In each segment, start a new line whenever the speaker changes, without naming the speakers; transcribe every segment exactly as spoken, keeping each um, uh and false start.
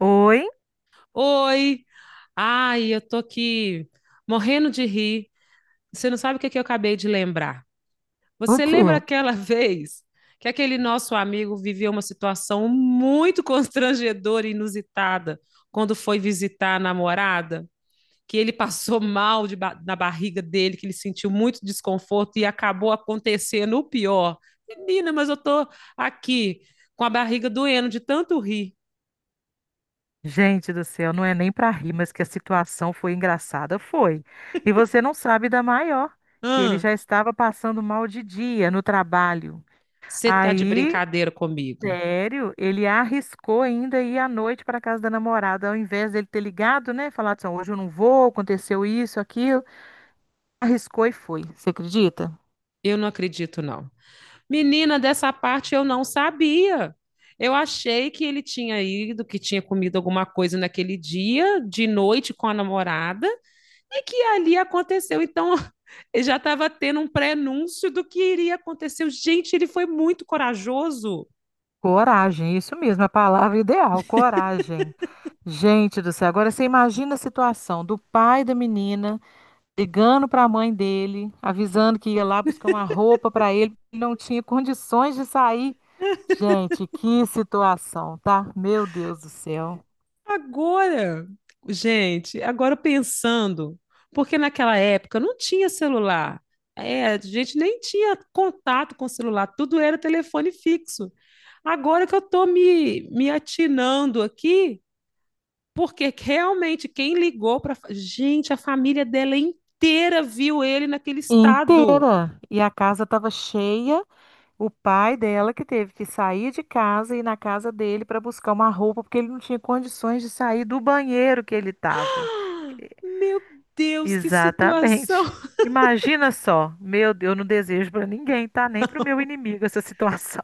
Oi?
Oi! Ai, eu tô aqui morrendo de rir. Você não sabe o que é que eu acabei de lembrar.
O
Você
quê?
lembra aquela vez que aquele nosso amigo viveu uma situação muito constrangedora e inusitada quando foi visitar a namorada? Que ele passou mal de ba- na barriga dele, que ele sentiu muito desconforto e acabou acontecendo o pior. Menina, mas eu tô aqui com a barriga doendo de tanto rir.
Gente do céu, não é nem pra rir, mas que a situação foi engraçada, foi. E você não sabe da maior, que ele já estava passando mal de dia no trabalho.
Você tá de
Aí,
brincadeira comigo?
sério, ele arriscou ainda ir à noite para casa da namorada, ao invés dele ter ligado, né? Falado assim, "Ó, hoje eu não vou, aconteceu isso, aquilo." Arriscou e foi. Você acredita?
Eu não acredito, não. Menina, dessa parte eu não sabia. Eu achei que ele tinha ido, que tinha comido alguma coisa naquele dia, de noite com a namorada, e que ali aconteceu. Então, ele já estava tendo um prenúncio do que iria acontecer. Gente, ele foi muito corajoso.
Coragem, isso mesmo, a palavra ideal, coragem. Gente do céu, agora você imagina a situação do pai da menina ligando para a mãe dele, avisando que ia lá buscar uma roupa para ele, ele não tinha condições de sair. Gente, que situação, tá? Meu Deus do céu.
Agora, gente, agora pensando, porque naquela época não tinha celular. É, a gente nem tinha contato com celular, tudo era telefone fixo. Agora que eu estou me, me atinando aqui, porque que realmente quem ligou para. Gente, a família dela inteira viu ele naquele estado.
Inteira. E a casa estava cheia. O pai dela que teve que sair de casa e ir na casa dele para buscar uma roupa, porque ele não tinha condições de sair do banheiro que ele estava.
Meu Deus, que situação!
Exatamente. Imagina só. Meu Deus, eu não desejo para ninguém, tá? Nem para o meu inimigo essa situação.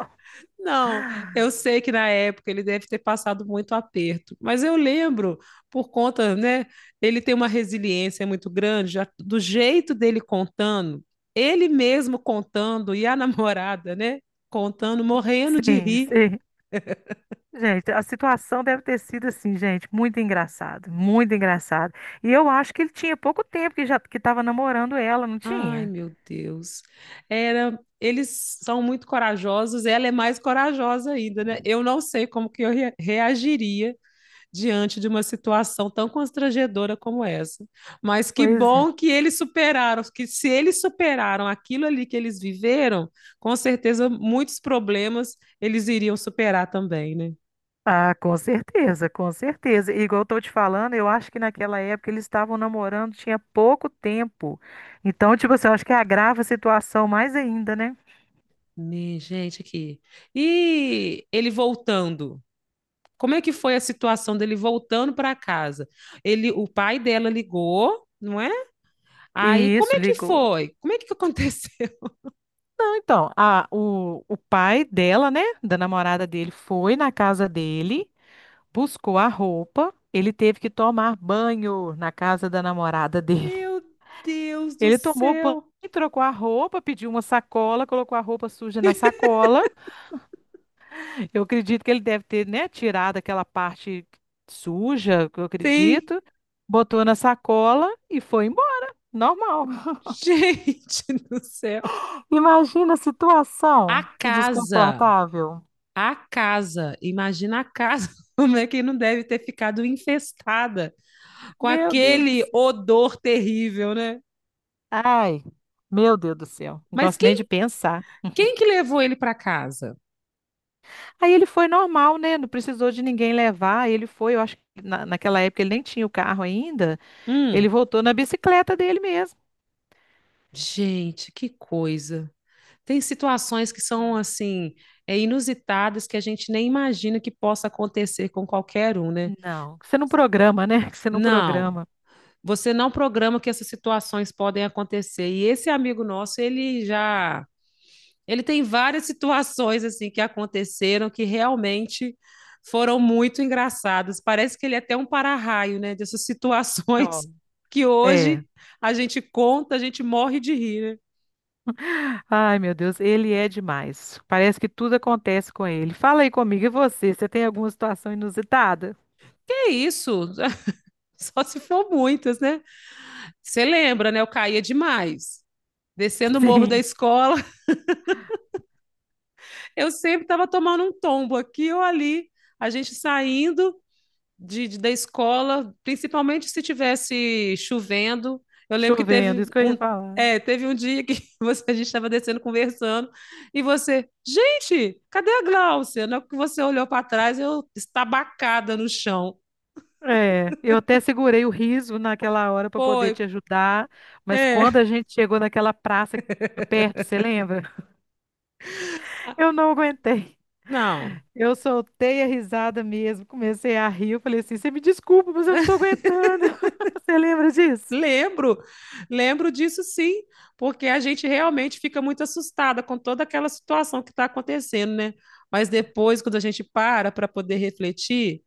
Não, eu sei que na época ele deve ter passado muito aperto, mas eu lembro, por conta, né, ele tem uma resiliência muito grande, já do jeito dele contando, ele mesmo contando e a namorada, né, contando, morrendo de
Sim,
rir.
sim. Gente, a situação deve ter sido assim, gente, muito engraçado, muito engraçado. E eu acho que ele tinha pouco tempo que já que estava namorando ela, não
Ai,
tinha?
meu Deus. Era, eles são muito corajosos, ela é mais corajosa ainda, né? Eu não sei como que eu re- reagiria diante de uma situação tão constrangedora como essa. Mas que
Pois é.
bom que eles superaram, que se eles superaram aquilo ali que eles viveram, com certeza muitos problemas eles iriam superar também, né?
Ah, com certeza, com certeza. E igual eu tô te falando, eu acho que naquela época eles estavam namorando, tinha pouco tempo. Então, tipo assim, eu acho que agrava a situação mais ainda, né?
Me- Gente, aqui. E ele voltando. Como é que foi a situação dele voltando para casa? Ele, o pai dela ligou, não é? Aí,
E
como
isso
é que
ligou.
foi? Como é que aconteceu?
Então, a, o, o pai dela, né, da namorada dele, foi na casa dele, buscou a roupa, ele teve que tomar banho na casa da namorada dele.
Meu Deus do
Ele tomou banho,
céu!
trocou a roupa, pediu uma sacola, colocou a roupa suja na sacola. Eu acredito que ele deve ter, né, tirado aquela parte suja, que eu
Sim,
acredito, botou na sacola e foi embora. Normal.
gente do céu.
Imagina a
A
situação, que
casa,
desconfortável.
a casa, imagina a casa, como é que não deve ter ficado infestada com
Meu Deus do
aquele
céu.
odor terrível, né?
Ai, meu Deus do céu. Não
Mas
gosto nem de
quem,
pensar.
quem que levou ele para casa?
Aí ele foi normal, né? Não precisou de ninguém levar. Ele foi, eu acho que na- naquela época ele nem tinha o carro ainda.
Hum,
Ele voltou na bicicleta dele mesmo.
gente, que coisa. Tem situações que são assim, é, inusitadas que a gente nem imagina que possa acontecer com qualquer um, né?
Não, que você não programa, né? Que você não
Não,
programa.
você não programa que essas situações podem acontecer. E esse amigo nosso, ele já ele tem várias situações assim que aconteceram que realmente foram muito engraçadas. Parece que ele é até um para-raio, né, dessas situações
Não.
que
É.
hoje a gente conta, a gente morre de rir, né?
Ai, meu Deus, ele é demais. Parece que tudo acontece com ele. Fala aí comigo, e você? Você tem alguma situação inusitada?
É isso, só se for muitas, né? Você lembra, né? Eu caía demais. Descendo o morro da
Sim,
escola, eu sempre estava tomando um tombo aqui ou ali, a gente saindo de, de- da escola, principalmente se tivesse chovendo. Eu lembro que
chovendo,
teve
isso que eu ia
um,
falar.
é, teve um dia que você- a gente estava descendo conversando e você, gente, cadê a Gláucia? Na hora que você olhou para trás, eu estabacada no chão.
É, eu até segurei o riso naquela hora para
Foi,
poder te ajudar, mas quando
é.
a gente chegou naquela praça aqui perto, você lembra?
Ah,
Eu não aguentei.
não,
Eu soltei a risada mesmo, comecei a rir. Eu falei assim: você me desculpa, mas eu não tô aguentando. Você lembra disso?
lembro, lembro disso sim, porque a gente realmente fica muito assustada com toda aquela situação que está acontecendo, né? Mas depois, quando a gente para para poder refletir,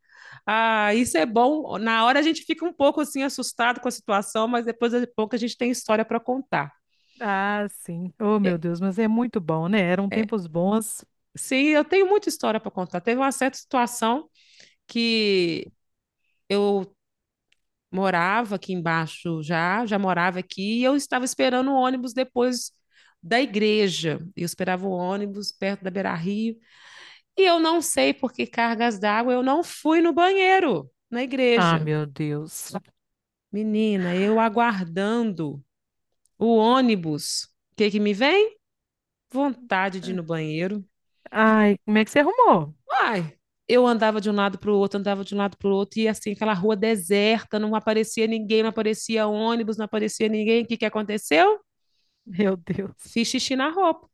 ah, isso é bom. Na hora a gente fica um pouco assim assustado com a situação, mas depois de pouco a gente tem história para contar.
Ah, sim. Oh,
E,
meu Deus, mas é muito bom, né? Eram tempos bons.
sim, eu tenho muita história para contar. Teve uma certa situação que eu morava aqui embaixo já, já morava aqui, e eu estava esperando o ônibus depois da igreja. Eu esperava o ônibus perto da Beira-Rio, e eu não sei por que cargas d'água eu não fui no banheiro na
Ah,
igreja.
meu Deus.
Menina, eu aguardando o ônibus. O que que me vem? Vontade de ir no banheiro.
Ai, como é que você arrumou?
Ai, eu andava de um lado para o outro, andava de um lado para o outro, e assim, aquela rua deserta, não aparecia ninguém, não aparecia ônibus, não aparecia ninguém. O que que aconteceu?
Meu Deus.
Fiz xixi na roupa.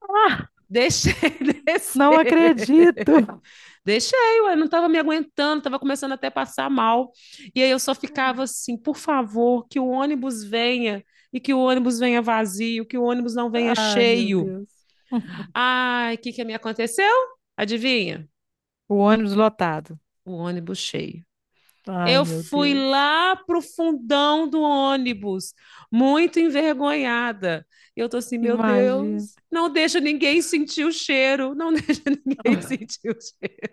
Ah,
Deixei
não
descer.
acredito.
Deixei, eu não estava me aguentando, estava começando até a passar mal. E aí eu só ficava assim, por favor, que o ônibus venha e que o ônibus venha vazio, que o ônibus não venha
Ai, meu
cheio.
Deus.
Ai, o que que me aconteceu? Adivinha?
O ônibus lotado.
O ônibus cheio.
Ai,
Eu
meu
fui
Deus.
lá pro fundão do ônibus, muito envergonhada. E eu tô assim, meu
Imagina.
Deus, não deixa ninguém sentir o cheiro, não deixa ninguém sentir o cheiro.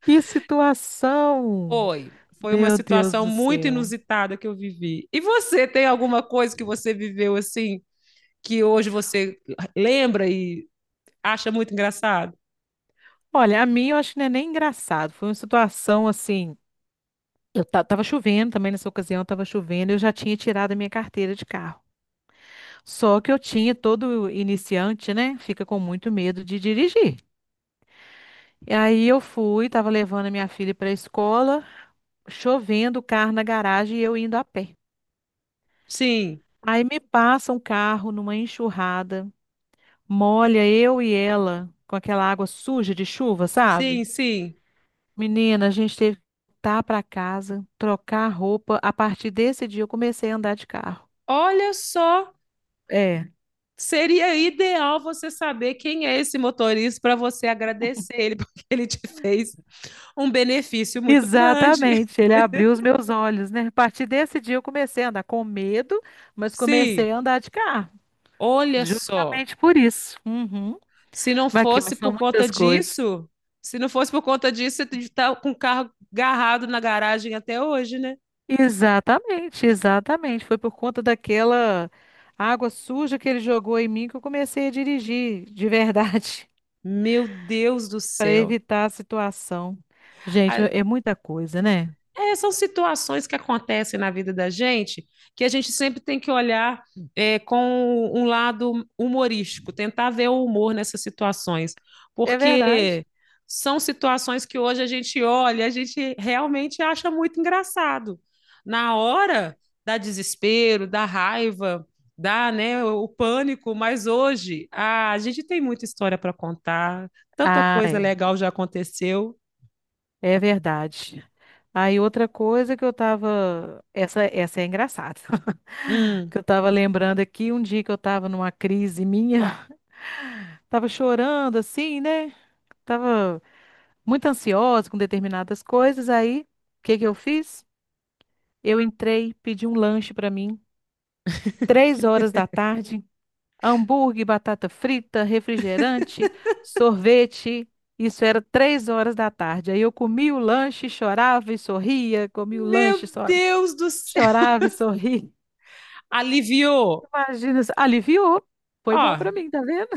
Que situação!
Foi, foi uma
Meu Deus
situação
do
muito
céu.
inusitada que eu vivi. E você tem alguma coisa que você viveu assim, que hoje você lembra e acha muito engraçado?
Olha, a mim eu acho que não é nem engraçado. Foi uma situação assim. Eu ta- tava chovendo também nessa ocasião, tava chovendo, eu já tinha tirado a minha carteira de carro. Só que eu tinha, todo iniciante, né, fica com muito medo de dirigir. E aí eu fui, tava levando a minha filha para a escola, chovendo, o carro na garagem e eu indo a pé.
Sim,
Aí me passa um carro numa enxurrada, molha eu e ela com aquela água suja de chuva, sabe?
sim, sim.
Menina, a gente teve que voltar para casa, trocar a roupa. A partir desse dia eu comecei a andar de carro.
Olha só,
É.
seria ideal você saber quem é esse motorista para você agradecer ele, porque ele te fez um benefício muito grande.
Exatamente, ele abriu os meus olhos, né? A partir desse dia eu comecei a andar com medo, mas
Sim,
comecei a andar de carro.
olha só.
Justamente por isso. Uhum.
Se não
Mas aqui, mas
fosse
são
por conta
muitas coisas.
disso, se não fosse por conta disso, você está com o carro garrado na garagem até hoje, né?
Exatamente, exatamente. Foi por conta daquela água suja que ele jogou em mim que eu comecei a dirigir, de verdade,
Meu Deus do
para
céu.
evitar a situação. Gente,
A-
é muita coisa, né?
É, são situações que acontecem na vida da gente que a gente sempre tem que olhar é, com um lado humorístico, tentar ver o humor nessas situações,
É verdade.
porque são situações que hoje a gente olha, a gente realmente acha muito engraçado. Na hora da desespero, da raiva, dá, né, o pânico, mas hoje ah, a gente tem muita história para contar, tanta
Ah,
coisa
é.
legal já aconteceu.
É verdade. Aí outra coisa que eu tava. Essa, essa é engraçada.
Hum,
Que eu tava lembrando aqui um dia que eu tava numa crise minha. Tava chorando assim, né? Tava muito ansiosa com determinadas coisas. Aí, o que que eu fiz? Eu entrei, pedi um lanche pra mim, três horas da tarde. Hambúrguer, batata frita, refrigerante, sorvete. Isso era três horas da tarde. Aí eu comia o lanche, chorava e sorria, comia o
meu
lanche, só
Deus do céu!
chorava e sorria.
Aliviou.
Imagina, aliviou. Foi bom para
Ó,
mim, tá vendo?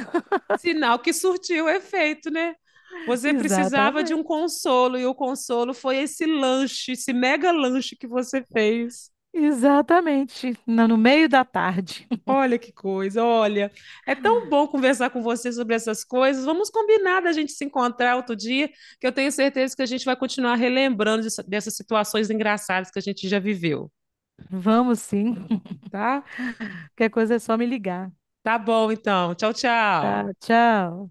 sinal que surtiu efeito, né? Você precisava de um
Exatamente.
consolo e o consolo foi esse lanche, esse mega lanche que você fez.
Exatamente. No no meio da tarde.
Olha que coisa, olha. É tão bom conversar com você sobre essas coisas. Vamos combinar da gente se encontrar outro dia, que eu tenho certeza que a gente vai continuar relembrando dessa- dessas situações engraçadas que a gente já viveu,
Vamos sim.
tá?
Qualquer coisa é só me ligar.
Tá bom, então. Tchau, tchau.
Tá, tchau.